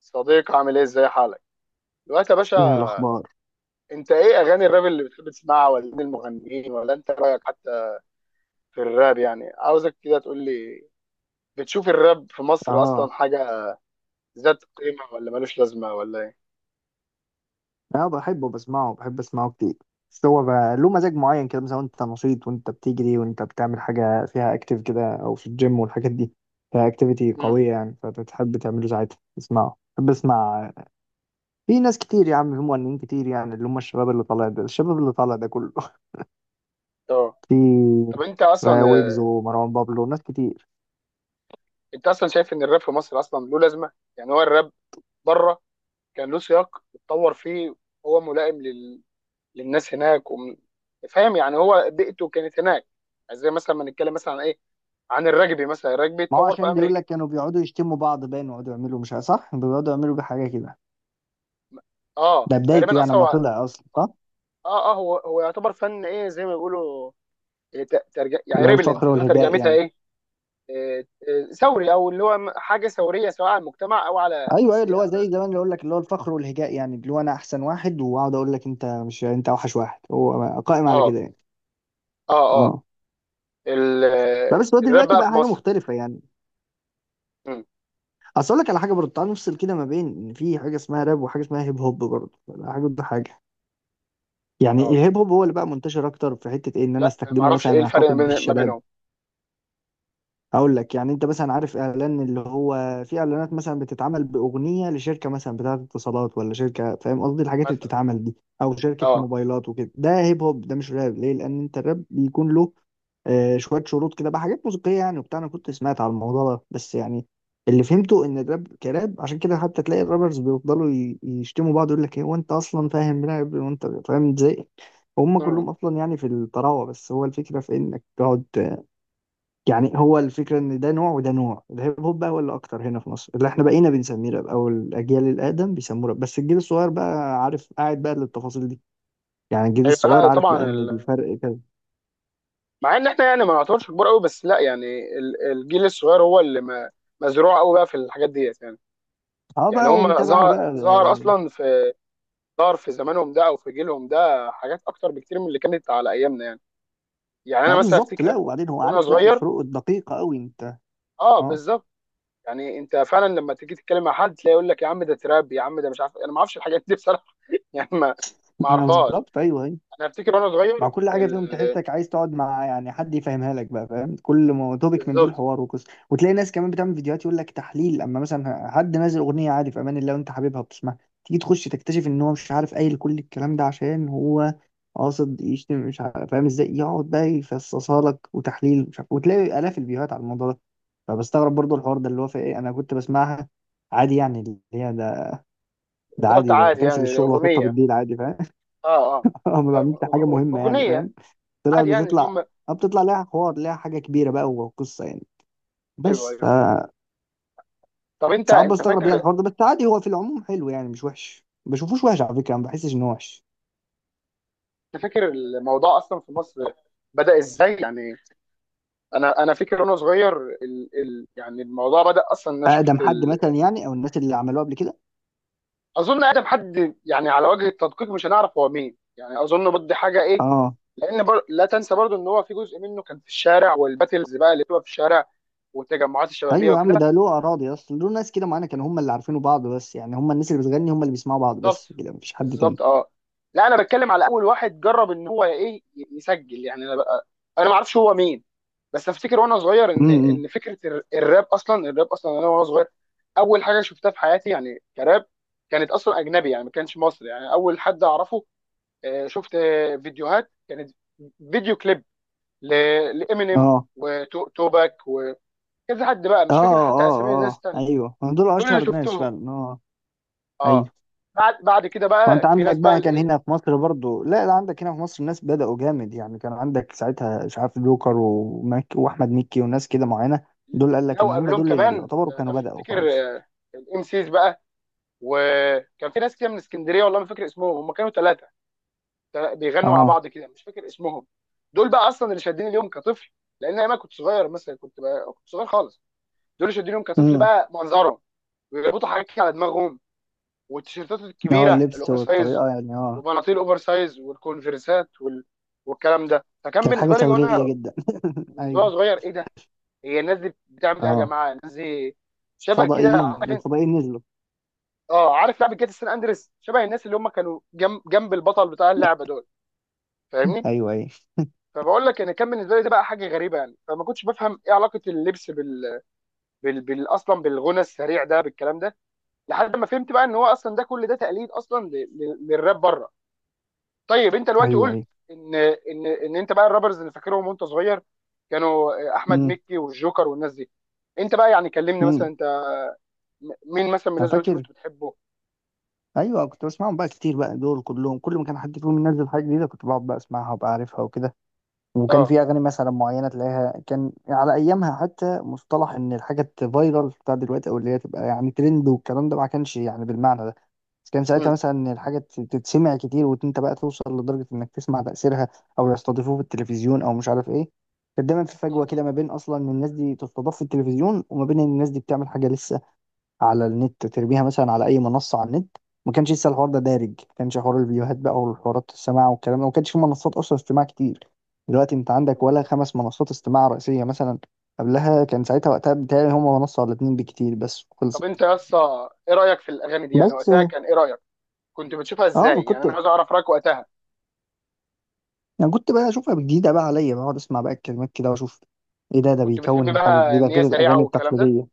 صديق، عامل ايه؟ ازاي حالك دلوقتي يا ايه باشا؟ الاخبار؟ انت ايه اغاني الراب اللي بتحب تسمعها؟ ولا مين المغنيين؟ ولا انت رايك حتى في الراب؟ يعني عاوزك كده تقول لي. بتشوف الراب في مصر اصلا اه حاجه ذات قيمه ولا ملوش لازمه ولا ايه؟ انا بحبه، بسمعه، بحب اسمعه كتير. بس هو بقى له مزاج معين كده، مثلا وانت نشيط، وانت بتجري، وانت بتعمل حاجه فيها اكتيف كده، او في الجيم والحاجات دي، فيها اكتيفيتي امم قويه يعني، فبتحب تعمله ساعتها، اسمعه بحب اسمع. في ناس كتير يا عم، في مغنيين كتير يعني، اللي هم الشباب اللي طالع ده، كله اه. في طب ويجز ومروان بابلو وناس كتير. انت اصلا شايف ان الراب في مصر اصلا له لازمه؟ يعني هو الراب بره كان له سياق اتطور فيه. هو ملائم للناس هناك فاهم؟ يعني هو بيئته كانت هناك. يعني زي مثلا ما نتكلم مثلا عن ايه، عن الرجبي، مثلا الرجبي ما هو اتطور في عشان بيقول امريكا. لك كانوا بيقعدوا يشتموا بعض باين، ويقعدوا يعملوا مش عارف- صح، بيقعدوا يعملوا بيه حاجه كده. اه، ده بدايته تقريبا يعني، اصلا ما هو. طلع اصلا، صح. اه، اه، هو يعتبر فن، ايه زي ما بيقولوا. إيه، يعني اللي هو ريبلنت الفخر اللي هو والهجاء ترجمتها يعني. ايه؟ إيه، ثوري، او اللي هو حاجه ثوريه سواء على المجتمع او على ايوه، ايوه، اللي هو على. زي زمان، اللي اقول لك اللي هو الفخر والهجاء يعني، اللي هو انا احسن واحد واقعد اقول لك انت مش، انت اوحش واحد، هو قائم على اه، كده يعني. اه، اه. اه. ال... لا بس هو الراب دلوقتي بقى بقى في حاجه مصر. مختلفه يعني. مم. اصل اقول لك على حاجه برضه، تعال نفصل كده ما بين ان في حاجه اسمها راب وحاجه اسمها هيب هوب برضه، حاجه ضد حاجه يعني. اه. الهيب هوب هو اللي بقى منتشر اكتر في حته ايه، ان انا لا، ما استخدمه اعرفش ايه مثلا الفرق ما اخاطب ما بالشباب. بينهم. هقول لك، يعني انت مثلا عارف اعلان اللي هو، في اعلانات مثلا بتتعمل باغنيه لشركه مثلا بتاعه اتصالات، ولا شركه، فاهم قصدي الحاجات اللي مثلا. بتتعمل دي، او شركه اه. موبايلات وكده، ده هيب هوب، ده مش راب، ليه؟ لان انت الراب بيكون له شويه شروط كده بقى، حاجات موسيقيه يعني وبتاع. انا كنت سمعت على الموضوع ده بس يعني، اللي فهمته ان الراب كراب عشان كده حتى تلاقي الرابرز بيفضلوا يشتموا بعض، يقول لك ايه وانت اصلا فاهم راب، وانت فاهم ازاي، هم امم. كلهم اصلا يعني في الطراوه، بس هو الفكره في انك تقعد. يعني هو الفكرة ان ده نوع وده نوع. الهيب هوب بقى هو اللي اكتر هنا في مصر، اللي احنا بقينا بنسميه راب، او الاجيال الادم بيسموه راب، بس الجيل الصغير بقى عارف، قاعد بقى للتفاصيل دي، يعني الجيل ايوه. الصغير لا عارف طبعا، بقى ان الفرق كذا. مع ان احنا يعني ما نعتبرش كبار قوي، بس لا يعني الجيل الصغير هو اللي ما... مزروع قوي بقى في الحاجات ديت يعني. اه بقى، يعني هم ومتابع ظهر بقى، ظهر اه. اصلا في، ظهر في زمانهم ده او في جيلهم ده حاجات اكتر بكتير من اللي كانت على ايامنا يعني. يعني انا مثلا بالظبط، افتكر لا وبعدين هو وانا عارف بقى صغير. الفروق الدقيقة قوي انت. اه، اه. بالظبط. يعني انت فعلا لما تيجي تتكلم مع حد تلاقي يقول لك: يا عم ده تراب، يا عم ده مش عارف إيه. انا ما اعرفش الحاجات دي بصراحه يعني ما ما اعرفهاش. بالظبط، ايوه، أيوه. انا افتكر وانا مع صغير كل حاجه فيهم تحسك عايز تقعد مع يعني حد يفهمها لك بقى، فاهم؟ كل ما توبيك من دول بالظبط. حوار وقصه. وتلاقي ناس كمان بتعمل فيديوهات يقول لك تحليل، اما مثلا حد نازل اغنيه عادي في امان الله وانت حبيبها بتسمعها، تيجي تخش تكتشف ان هو مش عارف، قايل كل الكلام ده عشان هو قاصد يشتم مش عارف، فاهم ازاي؟ يقعد بقى يفصصها لك وتحليل مش عارف، وتلاقي الاف الفيديوهات على الموضوع ده. فبستغرب برضو الحوار ده، اللي هو في ايه، انا كنت بسمعها عادي يعني، اللي هي ده، ده بالظبط، عادي، عادي بكنسل يعني، الشغل واتوطى اغنيه. بالليل عادي، فاهم؟ اه، هم ما بعملش حاجه اه، مهمه يعني، اغنيه فاهم؟ عادي يعني اللي بتطلع، هم. اه بتطلع ليها حوار، ليها حاجه كبيره بقى وقصه يعني. ايوه، بس ف ايوه. طب انت ساعات انت بستغرب يعني فاكر، الحوار ده، بس عادي، هو في العموم حلو يعني، مش وحش، ما بشوفوش وحش على فكره، ما بحسش انه وحش. انت فاكر الموضوع اصلا في مصر بدأ ازاي يعني؟ انا فاكر وانا صغير يعني الموضوع بدا اصلا ان انا شفت اقدم حد مثلا يعني، او الناس اللي عملوه قبل كده. اظن ادم حد، يعني على وجه التدقيق مش هنعرف هو مين، يعني اظن بدي حاجه ايه. اه. لان لا تنسى برضو ان هو في جزء منه كان في الشارع، والباتلز بقى اللي بتبقى في الشارع والتجمعات الشبابيه ايوه يا عم، وكده. ده له اراضي اصلا، له ناس كده معانا كانوا هم اللي عارفينه، بعض بس، يعني هم الناس اللي بتغني هم اللي بيسمعوا بعض بالظبط. بس، كده مفيش حد تاني. بالظبط، اه. لا، انا بتكلم على اول واحد جرب ان هو ايه يسجل، يعني انا ما اعرفش هو مين. بس افتكر وانا صغير ان امم، إمم. فكره الراب اصلا، الراب اصلا انا وانا صغير، اول حاجه شفتها في حياتي يعني كراب، كانت اصلا اجنبي، يعني ما كانش مصري. يعني اول حد اعرفه، آه، شفت آه، فيديوهات كانت، فيديو كليب لامينيم اه وتوباك وكذا، حد بقى اه مش فاكر حتى اسامي اه الناس اه التانية. ايوه هم دول دول اللي اشهر ناس شفتهم. فعلا، اه، ايوه. اه. بعد كده وانت بقى في عندك ناس بقى بقى كان هنا في مصر برضو، لا لا، عندك هنا في مصر الناس بدأوا جامد يعني، كان عندك ساعتها مش عارف جوكر ومك، واحمد مكي، وناس كده معينة، دول قال لك لو ان هم قبلهم دول اللي كمان يعتبروا آه، انا كانوا بدأوا افتكر خالص. الام سيز بقى، وكان في ناس كده من اسكندريه، والله ما فاكر اسمهم، هم كانوا 3 بيغنوا مع اه. بعض كده، مش فاكر اسمهم. دول بقى اصلا اللي شادين اليوم كطفل، لان انا كنت صغير، مثلا كنت صغير خالص، دول اللي شادين اليوم كطفل امم. بقى منظرهم، ويربطوا حاجات كده على دماغهم، والتيشيرتات اه، الكبيره اللبس الاوفر سايز، والطريقه يعني، اه. وبناطيل الاوفر سايز، والكونفرسات والكلام ده. فكان كانت حاجه بالنسبه لي وانا، ثوريه جدا. بالنسبه لي ايوه. صغير، ايه ده؟ هي الناس دي بتعمل ايه يا اه، جماعه؟ الناس دي شبه كده، فضائيين، عارف؟ الفضائيين نزلوا. اه، عارف لعبه جاتا سان اندريس، شبه الناس اللي هم كانوا جنب البطل بتاع اللعبه دول. فاهمني؟ ايوه، ايوه. فبقول لك يعني كان بالنسبه لي ده بقى حاجه غريبه، يعني فما كنتش بفهم ايه علاقه اللبس اصلا بالغنى السريع ده بالكلام ده. لحد ما فهمت بقى ان هو اصلا ده كل ده تقليد اصلا للراب بره. طيب، انت دلوقتي ايوه، قلت ايوه. ان ان ان انت بقى الرابرز اللي فاكرهم وانت صغير كانوا احمد امم. مكي والجوكر والناس دي. انت بقى يعني كلمني مثلا، امم. انت مين مثلا من انا الناس دول انت فاكر، كنت بتحبه؟ ايوه، كنت بسمعهم بقى كتير بقى، دول كلهم كل ما كان حد فيهم ينزل حاجة جديدة كنت بقعد بقى اسمعها وابقى عارفها وكده. وكان اه. في اغاني مثلا معينه تلاقيها كان على ايامها، حتى مصطلح ان الحاجه تفايرل بتاع دلوقتي، او اللي هي تبقى يعني ترند والكلام ده، ما كانش يعني بالمعنى ده، بس كان ساعتها م- مثلا ان الحاجه تتسمع كتير، وانت بقى توصل لدرجه انك تسمع تاثيرها، او يستضيفوه في التلفزيون، او مش عارف ايه. كان دايما في فجوه كده، م- ما بين اصلا ان الناس دي تستضاف في التلفزيون، وما بين ان الناس دي بتعمل حاجه لسه على النت، ترميها مثلا على اي منصه على النت. ما كانش لسه الحوار ده دارج، ما كانش حوار الفيديوهات بقى والحوارات السماع والكلام ده، ما كانش في منصات اصلا استماع كتير. دلوقتي انت عندك م. ولا خمس منصات استماع رئيسيه مثلا، قبلها كان ساعتها وقتها بتهيألي هما منصه ولا اتنين بكتير، بس طب خلصت. انت يا اسطى، ايه رايك في الاغاني دي؟ يعني بس. وقتها كان ايه رايك؟ كنت بتشوفها اه ما ازاي يعني؟ كنت انا عايز اعرف رايك وقتها. انا كنت بقى اشوفها جديده بقى عليا، بقعد اسمع بقى الكلمات كده واشوف ايه ده، ده كنت بتحب بيكون حاجه بقى جديده ان هي غير سريعه الاغاني والكلام ده؟ التقليديه.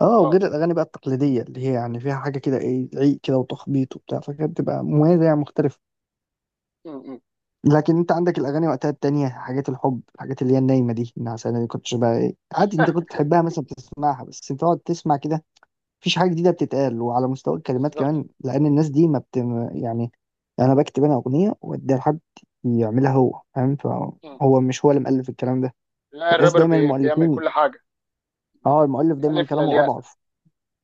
اه، اه. وغير الاغاني بقى التقليديه اللي هي يعني فيها حاجه كده ايه، عيق كده وتخبيط وبتاع، فكانت بتبقى مميزه يعني، مختلفه. م. لكن انت عندك الاغاني وقتها التانية حاجات الحب، الحاجات اللي هي النايمه دي، النعسانه دي، كنتش بقى ايه، عادي، انت كنت تحبها مثلا، بتسمعها بس انت تقعد تسمع كده، مفيش حاجه جديده بتتقال. وعلى مستوى الكلمات بالظبط. كمان، لان الناس دي ما بت، يعني انا بكتب انا اغنيه واديها لحد يعملها هو، فاهم؟ م. فهو مش هو اللي مؤلف الكلام ده. لا، فتحس الرابر دايما بيعمل المؤلفين، كل حاجه من اه المؤلف دايما الالف كلامه للياء. اضعف.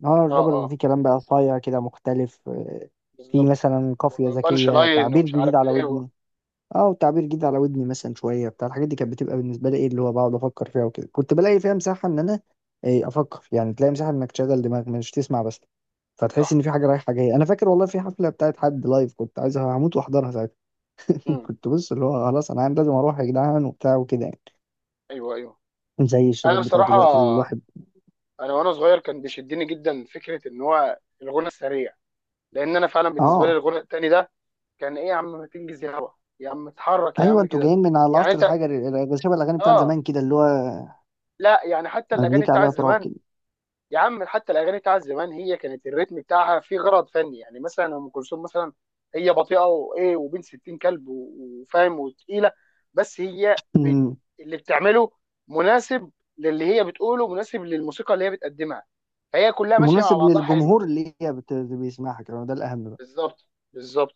اه، اه، الرابر بيبقى اه، فيه كلام بقى صايع كده، مختلف، في بالظبط. مثلا قافيه وبانش ذكيه، لاين تعبير ومش عارف جديد على ايه و... ودني. اه، وتعبير جديد على ودني مثلا، شويه بتاع، الحاجات دي كانت بتبقى بالنسبه لي ايه، اللي هو بقعد افكر فيها وكده، كنت بلاقي فيها مساحه ان انا افكر يعني، تلاقي مساحه انك تشغل دماغك، مش تسمع بس، فتحس ان صح. في حاجه رايحه جايه. انا فاكر والله في حفله بتاعت حد لايف، كنت عايز هموت واحضرها ساعتها. م. كنت بص اللي هو خلاص انا لازم اروح يا جدعان، وبتاع وكده يعني، ايوه، ايوه. زي انا الشباب بتاع بصراحه، دلوقتي اللي الواحد، انا وانا صغير كان بيشدني جدا فكره ان هو الغنى السريع، لان انا فعلا بالنسبه لي اه. الغنى التاني ده كان ايه، يا عم ما تنجز يا هوا، يا عم اتحرك يا ايوه عم انتوا كده جايين من على يعني. العصر انت الحجري شبه الاغاني بتاعت اه. زمان كده، اللي هو لا يعني حتى الاغاني مزيكا بتاعت عليها تراب زمان، كده. يا عم حتى الاغاني بتاعت زمان هي كانت الريتم بتاعها فيه غرض فني، يعني مثلا ام كلثوم مثلا هي بطيئه وايه، وبين 60 كلب وفاهم، وتقيله، بس هي أمم. اللي بتعمله مناسب للي هي بتقوله، مناسب للموسيقى اللي هي بتقدمها، فهي كلها ماشيه مع مناسب بعضها حلو. للجمهور اللي بيسمعها كمان، ده الاهم. بالظبط. بالظبط.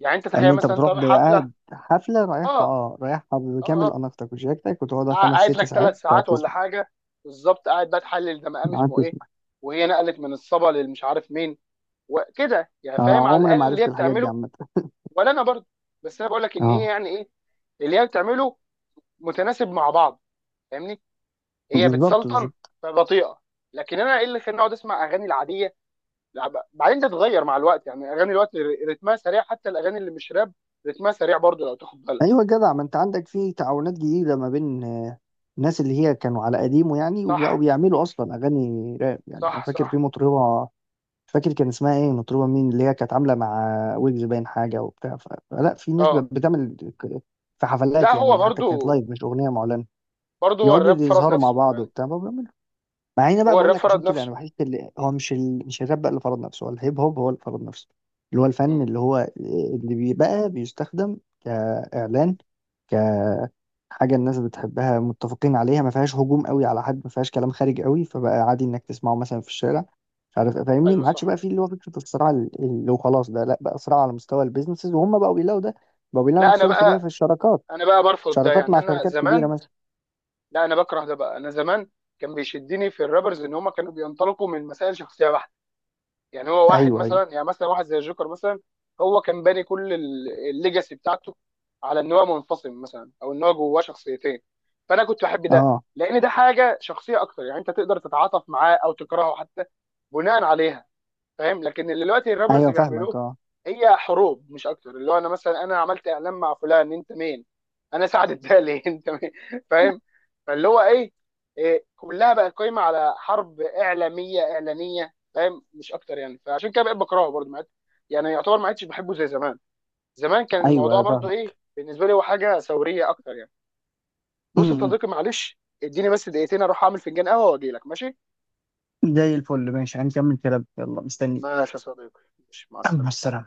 يعني انت ان تخيل انت مثلا انت بتروح رايح حفله، قاعد حفله رايحها اه، اه، رايحها اه، بكامل اه، اناقتك وشياكتك، وتقعدها خمس قاعد ست لك ثلاث ساعات تقعد ساعات ولا تسمع، حاجه، بالظبط، قاعد بقى تحلل ده مقام تقعد اسمه ايه، تسمع. وهي نقلت من الصبا للمش عارف مين وكده، يعني فاهم آه على عمري الاقل ما اللي هي عرفت الحاجات دي بتعمله. عامه. ولا انا برضه. بس انا بقول لك ان هي اه. يعني ايه اللي هي بتعمله متناسب مع بعض. فاهمني؟ هي بالظبط، بتسلطن، بالظبط. فبطيئه. لكن انا ايه اللي خلاني اقعد اسمع اغاني العاديه؟ لا، بعدين تتغير مع الوقت، يعني اغاني الوقت رتمها سريع، حتى الاغاني اللي مش راب رتمها سريع برضو لو تاخد بالك. ايوه جدع ما انت عندك في تعاونات جديده ما بين، الناس اللي هي كانوا على قديمه يعني وبقوا صح، بيعملوا اصلا اغاني راب، يعني انا صح، فاكر في صح. مطربه، مش فاكر كان اسمها ايه، مطربه مين اللي هي كانت عامله مع ويجز باين حاجه وبتاع، فلا في ناس اه، بتعمل في لا حفلات هو يعني، حتى كانت برضو، لايف مش اغنيه معلنه، برضو هو يقعدوا الراب فرض يظهروا مع نفسه بعض يعني، وبتاع ما بيعملوا. مع ان بقى، هو بقول الراب لك عشان فرض كده نفسه. انا بحس اللي هو م- مش مش الراب بقى اللي فرض نفسه، هو الهيب هوب هو اللي فرض نفسه، اللي هو الفن م. اللي هو اللي بيبقى بيستخدم كاعلان، كحاجه الناس بتحبها، متفقين عليها، ما فيهاش هجوم قوي على حد، ما فيهاش كلام خارج قوي، فبقى عادي انك تسمعه مثلا في الشارع، مش عارف، فاهمني؟ ايوه، ما عادش بقى صح. فيه اللي هو فكره الصراع اللي هو خلاص، ده لا بقى صراع على مستوى البيزنسز، وهم بقوا بيلاقوا ده، بقوا بيلاقوا لا انا نفسهم في ده، في بقى، الشراكات، انا بقى برفض ده شراكات يعني. مع انا شركات كبيره زمان، مثلا. لا انا بكره ده بقى. انا زمان كان بيشدني في الرابرز ان هم كانوا بينطلقوا من مسائل شخصيه بحته. يعني هو واحد ايوه، ايوه. مثلا، يعني مثلا واحد زي الجوكر مثلا، هو كان باني كل الليجاسي بتاعته على ان هو منفصل مثلا او ان هو جواه شخصيتين. فانا كنت بحب ده، اه لان ده حاجه شخصيه اكتر. يعني انت تقدر تتعاطف معاه او تكرهه حتى بناء عليها. فاهم؟ لكن اللي دلوقتي الرابرز ايوه فاهمك. بيعملوه اه هي حروب مش اكتر. اللي هو انا مثلا انا عملت اعلان مع فلان، انت مين؟ انا سعد الدالي انت مين؟ فاهم؟ فاللي هو ايه، إيه كلها بقت قايمه على حرب اعلاميه اعلانيه، فاهم؟ مش اكتر يعني. فعشان كده بقيت بكرهه برضه، ما عدت-، يعني يعتبر ما عدتش بحبه زي زمان. زمان كان ايوه، الموضوع أيوة برضه ايه فاهمك. بالنسبه لي، هو حاجه ثوريه اكتر يعني. بص يا صديقي، معلش اديني بس دقيقتين اروح اعمل فنجان قهوه واجي لك، ماشي؟ زي الفل، ماشي، هنكمل كلام، يلا مستني. ماشي يا صديقي. ماشي، مع مع السلامه. السلامة.